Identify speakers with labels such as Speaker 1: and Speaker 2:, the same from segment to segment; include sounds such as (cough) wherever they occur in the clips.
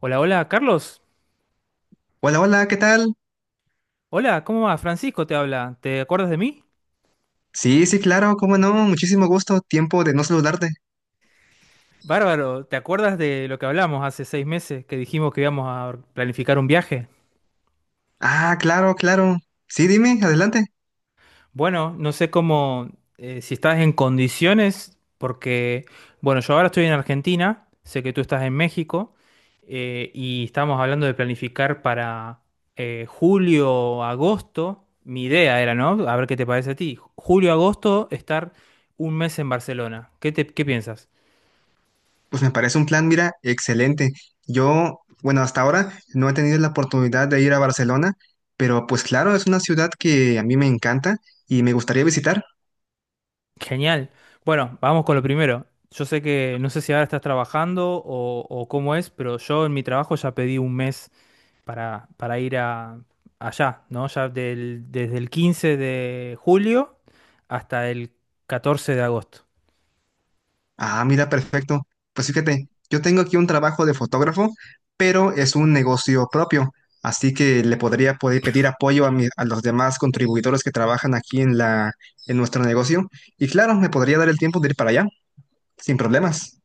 Speaker 1: Hola, hola, Carlos.
Speaker 2: Hola, hola, ¿qué tal?
Speaker 1: Hola, ¿cómo va? Francisco te habla. ¿Te acuerdas de mí?
Speaker 2: Sí, sí, claro, cómo no, muchísimo gusto, tiempo de no saludarte.
Speaker 1: Bárbaro, ¿te acuerdas de lo que hablamos hace 6 meses que dijimos que íbamos a planificar un viaje?
Speaker 2: Ah, claro, claro. Sí, dime, adelante.
Speaker 1: Bueno, no sé cómo, si estás en condiciones, porque, bueno, yo ahora estoy en Argentina, sé que tú estás en México, y estamos hablando de planificar para julio, agosto. Mi idea era, ¿no? A ver qué te parece a ti. Julio, agosto, estar un mes en Barcelona. ¿Qué piensas?
Speaker 2: Pues me parece un plan, mira, excelente. Yo, bueno, hasta ahora no he tenido la oportunidad de ir a Barcelona, pero pues claro, es una ciudad que a mí me encanta y me gustaría visitar.
Speaker 1: Genial. Bueno, vamos con lo primero. Yo sé que no sé si ahora estás trabajando o cómo es, pero yo en mi trabajo ya pedí un mes para ir allá, ¿no? Ya desde el 15 de julio hasta el 14 de agosto.
Speaker 2: Ah, mira, perfecto. Pues fíjate, yo tengo aquí un trabajo de fotógrafo, pero es un negocio propio, así que le podría poder pedir apoyo a, a los demás contribuidores que trabajan aquí en en nuestro negocio. Y claro, me podría dar el tiempo de ir para allá, sin problemas.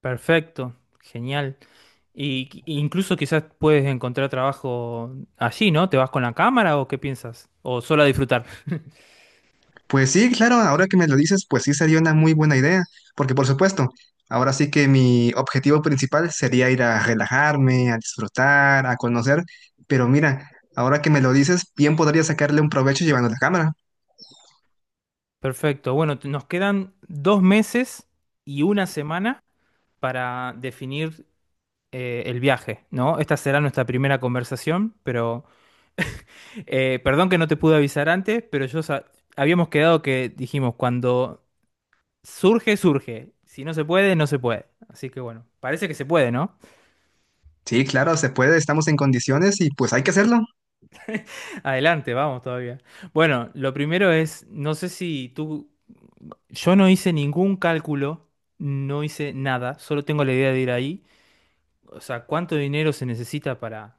Speaker 1: Perfecto, genial. Y incluso quizás puedes encontrar trabajo allí, ¿no? ¿Te vas con la cámara o qué piensas? ¿O solo a disfrutar? (laughs)
Speaker 2: Pues sí, claro, ahora que me lo dices, pues sí sería una muy buena idea, porque por supuesto, ahora sí que mi objetivo principal sería ir a relajarme, a disfrutar, a conocer, pero mira, ahora que me lo dices, bien podría sacarle un provecho llevando la cámara.
Speaker 1: Perfecto. Bueno, nos quedan 2 meses y una semana para definir el viaje, ¿no? Esta será nuestra primera conversación, pero perdón que no te pude avisar antes, pero habíamos quedado que dijimos, cuando surge, surge. Si no se puede, no se puede. Así que bueno, parece que se puede, ¿no?
Speaker 2: Sí, claro, se puede, estamos en condiciones y pues hay que hacerlo.
Speaker 1: (laughs) Adelante, vamos todavía. Bueno, lo primero es, no sé si tú, yo no hice ningún cálculo, no hice nada, solo tengo la idea de ir ahí. O sea, ¿cuánto dinero se necesita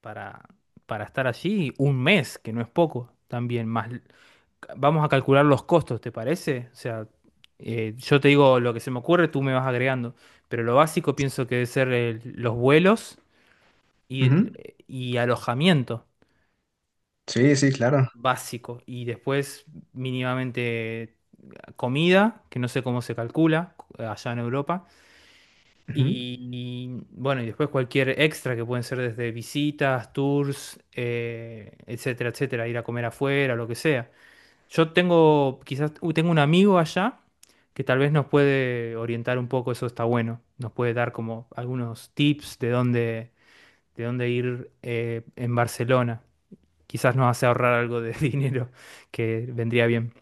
Speaker 1: para, para estar allí? Un mes, que no es poco, también más. Vamos a calcular los costos, ¿te parece? O sea, yo te digo lo que se me ocurre, tú me vas agregando. Pero lo básico pienso que debe ser los vuelos y,
Speaker 2: Ujú.
Speaker 1: y alojamiento
Speaker 2: Sí, sí, claro.
Speaker 1: básico. Y después mínimamente comida, que no sé cómo se calcula allá en Europa.
Speaker 2: Ujú.
Speaker 1: Y bueno, y después cualquier extra que pueden ser desde visitas, tours, etcétera, etcétera, ir a comer afuera, lo que sea. Yo tengo, quizás, tengo un amigo allá que tal vez nos puede orientar un poco, eso está bueno. Nos puede dar como algunos tips de dónde ir en Barcelona. Quizás nos hace ahorrar algo de (laughs) dinero que vendría bien.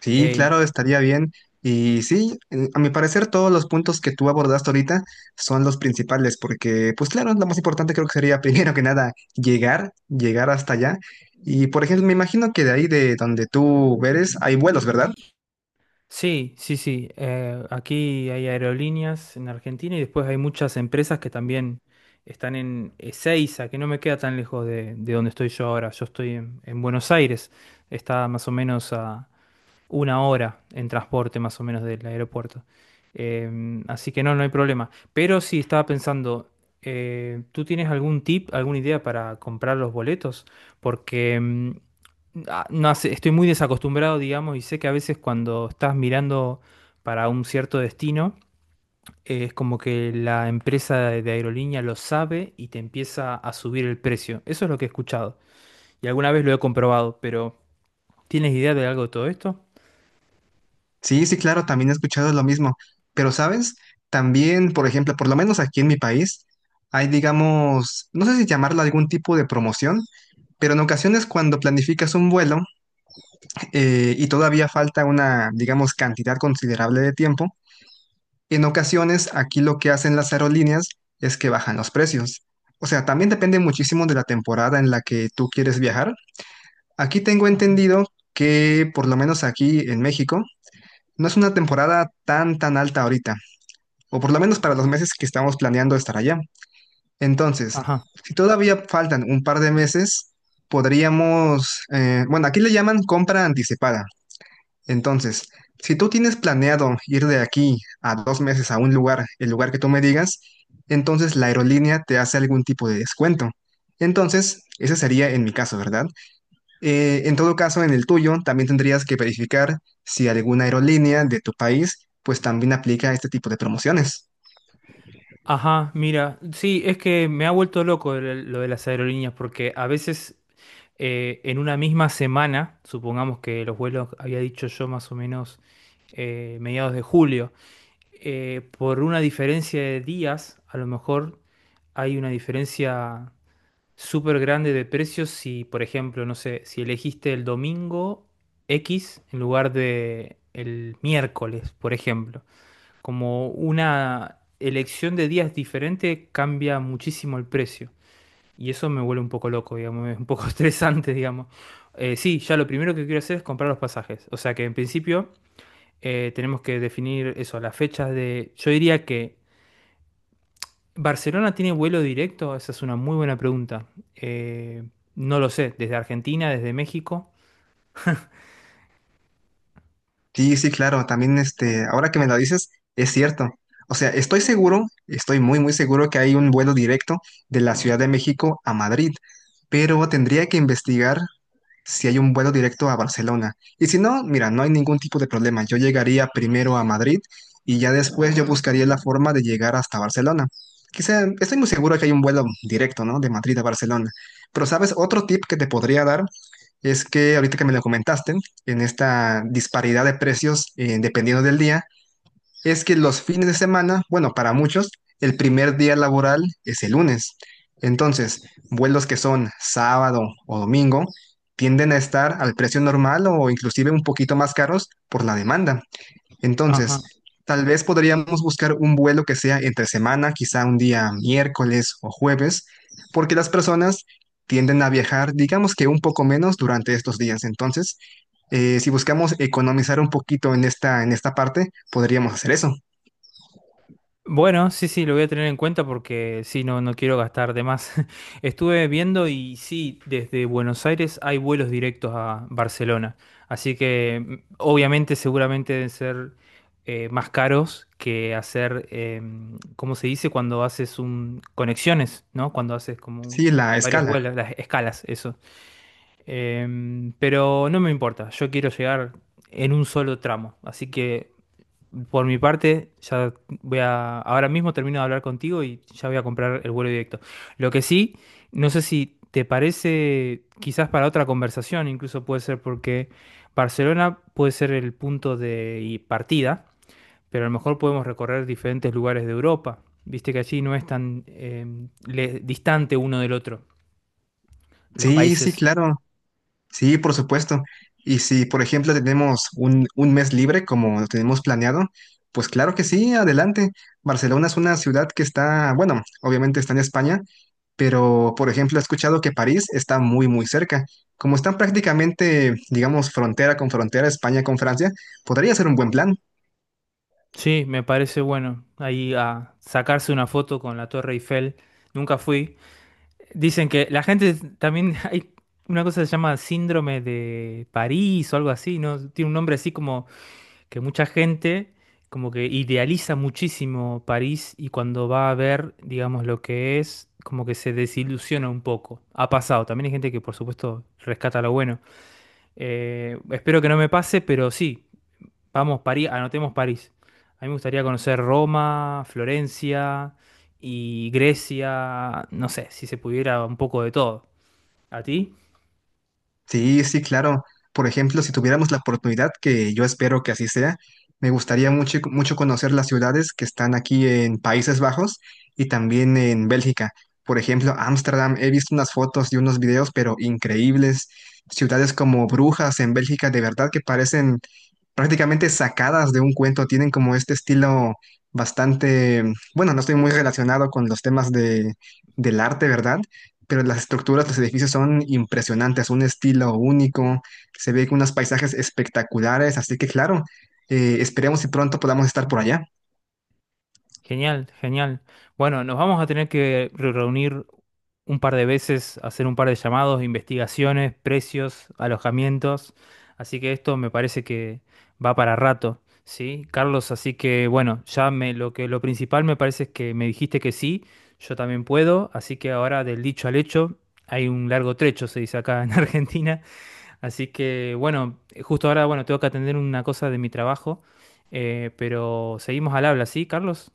Speaker 2: Sí,
Speaker 1: Eh,
Speaker 2: claro, estaría bien. Y sí, a mi parecer todos los puntos que tú abordaste ahorita son los principales, porque pues claro, lo más importante creo que sería (laughs) primero que nada llegar, llegar hasta allá. Y por ejemplo, me imagino que de ahí de donde tú eres hay vuelos, ¿verdad?
Speaker 1: Sí, sí, sí. Aquí hay aerolíneas en Argentina y después hay muchas empresas que también están en Ezeiza, que no me queda tan lejos de donde estoy yo ahora. Yo estoy en Buenos Aires. Está más o menos a una hora en transporte más o menos del aeropuerto. Así que no, no hay problema. Pero sí, estaba pensando, ¿tú tienes algún tip, alguna idea para comprar los boletos? Porque ah, no sé, estoy muy desacostumbrado, digamos, y sé que a veces cuando estás mirando para un cierto destino, es como que la empresa de aerolínea lo sabe y te empieza a subir el precio. Eso es lo que he escuchado y alguna vez lo he comprobado, pero ¿tienes idea de algo de todo esto?
Speaker 2: Sí, sí, claro, también he escuchado lo mismo. Pero, ¿sabes? También, por ejemplo, por lo menos aquí en mi país, hay, digamos, no sé si llamarlo algún tipo de promoción, pero en ocasiones cuando planificas un vuelo y todavía falta una, digamos, cantidad considerable de tiempo, en ocasiones aquí lo que hacen las aerolíneas es que bajan los precios. O sea, también depende muchísimo de la temporada en la que tú quieres viajar. Aquí tengo
Speaker 1: Ajá.
Speaker 2: entendido que, por lo menos aquí en México, no es una temporada tan tan alta ahorita, o por lo menos para los meses que estamos planeando estar allá. Entonces,
Speaker 1: Ajá,
Speaker 2: si todavía faltan un par de meses, podríamos, bueno, aquí le llaman compra anticipada. Entonces, si tú tienes planeado ir de aquí a dos meses a un lugar, el lugar que tú me digas, entonces la aerolínea te hace algún tipo de descuento. Entonces, ese sería en mi caso, ¿verdad? En todo caso, en el tuyo también tendrías que verificar si alguna aerolínea de tu país pues también aplica este tipo de promociones.
Speaker 1: ajá, mira, sí, es que me ha vuelto loco lo de las aerolíneas porque a veces en una misma semana, supongamos que los vuelos había dicho yo más o menos mediados de julio, por una diferencia de días, a lo mejor hay una diferencia súper grande de precios si, por ejemplo, no sé, si elegiste el domingo X en lugar de el miércoles, por ejemplo. Como una elección de días diferente cambia muchísimo el precio. Y eso me vuelve un poco loco, digamos, (laughs) es un poco (laughs) estresante, digamos. Sí, ya lo primero que quiero hacer es comprar los pasajes. O sea que en principio tenemos que definir eso, las fechas. Yo diría que Barcelona tiene vuelo directo, esa es una muy buena pregunta. Eh, no lo sé, desde Argentina, desde México.
Speaker 2: Sí, sí, claro, también este, ahora que me lo dices, es cierto. O sea, estoy seguro, estoy muy, muy seguro que hay un vuelo directo de la Ciudad de México a Madrid, pero tendría que investigar si hay un vuelo directo a Barcelona. Y si no, mira, no hay ningún tipo de problema. Yo llegaría primero a Madrid y ya después yo buscaría la forma de llegar hasta Barcelona. Quizá, estoy muy seguro que hay un vuelo directo, ¿no? De Madrid a Barcelona. Pero, ¿sabes? Otro tip que te podría dar es que ahorita que me lo comentaste, en esta disparidad de precios, dependiendo del día, es que los fines de semana, bueno, para muchos, el primer día laboral es el lunes. Entonces, vuelos que son sábado o domingo tienden a estar al precio normal o inclusive un poquito más caros por la demanda. Entonces,
Speaker 1: Ajá.
Speaker 2: tal vez podríamos buscar un vuelo que sea entre semana, quizá un día miércoles o jueves, porque las personas tienden a viajar, digamos que un poco menos durante estos días. Entonces, si buscamos economizar un poquito en en esta parte, podríamos hacer eso.
Speaker 1: Bueno, sí, sí, lo voy a tener en cuenta porque sí, no, no quiero gastar de más. (laughs) Estuve viendo y sí, desde Buenos Aires hay vuelos directos a Barcelona. Así que obviamente seguramente deben ser más caros que hacer, ¿cómo se dice? Cuando haces conexiones, ¿no? Cuando haces como
Speaker 2: Sí, la
Speaker 1: varios
Speaker 2: escala.
Speaker 1: vuelos, las escalas, eso. Pero no me importa, yo quiero llegar en un solo tramo. Así que por mi parte, ya ahora mismo termino de hablar contigo y ya voy a comprar el vuelo directo. Lo que sí, no sé si te parece, quizás para otra conversación, incluso puede ser porque Barcelona puede ser el punto de y partida, pero a lo mejor podemos recorrer diferentes lugares de Europa. Viste que allí no es tan distante uno del otro, los
Speaker 2: Sí, sí,
Speaker 1: países.
Speaker 2: claro. Sí, por supuesto. Y si, por ejemplo, tenemos un mes libre como lo tenemos planeado, pues claro que sí, adelante. Barcelona es una ciudad que está, bueno, obviamente está en España, pero, por ejemplo, he escuchado que París está muy, muy cerca. Como están prácticamente, digamos, frontera con frontera, España con Francia, podría ser un buen plan.
Speaker 1: Sí, me parece bueno. Ahí a sacarse una foto con la Torre Eiffel. Nunca fui. Dicen que la gente también (laughs) hay una cosa que se llama síndrome de París o algo así, ¿no? Tiene un nombre así como que mucha gente como que idealiza muchísimo París y cuando va a ver, digamos, lo que es, como que se desilusiona un poco. Ha pasado. También hay gente que, por supuesto, rescata lo bueno. Espero que no me pase, pero sí, vamos, París, anotemos París. A mí me gustaría conocer Roma, Florencia y Grecia, no sé, si se pudiera un poco de todo. ¿A ti?
Speaker 2: Sí, sí, claro. Por ejemplo, si tuviéramos la oportunidad, que yo espero que así sea, me gustaría mucho, mucho conocer las ciudades que están aquí en Países Bajos y también en Bélgica. Por ejemplo, Ámsterdam, he visto unas fotos y unos videos, pero increíbles. Ciudades como Brujas en Bélgica, de verdad que parecen prácticamente sacadas de un cuento, tienen como este estilo bastante, bueno, no estoy muy relacionado con los temas de, del arte, ¿verdad? Pero las estructuras, los edificios son impresionantes, un estilo único, se ve unos paisajes espectaculares, así que claro, esperemos si pronto podamos estar por allá.
Speaker 1: Genial, genial. Bueno, nos vamos a tener que reunir un par de veces, hacer un par de llamados, investigaciones, precios, alojamientos. Así que esto me parece que va para rato, ¿sí? Carlos, así que bueno, ya me, lo que, lo principal me parece es que me dijiste que sí, yo también puedo, así que ahora del dicho al hecho hay un largo trecho, se dice acá en (laughs) Argentina. Así que bueno, justo ahora bueno, tengo que atender una cosa de mi trabajo, pero seguimos al habla, ¿sí, Carlos?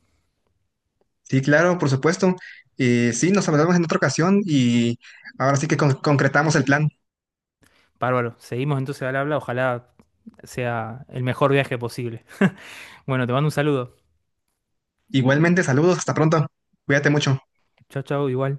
Speaker 2: Sí, claro, por supuesto. Sí, nos hablamos en otra ocasión y ahora sí que concretamos el plan.
Speaker 1: Bárbaro, seguimos entonces al habla, ojalá sea el mejor viaje posible. Bueno, te mando un saludo.
Speaker 2: Igualmente, saludos, hasta pronto. Cuídate mucho.
Speaker 1: Chao, chao, igual.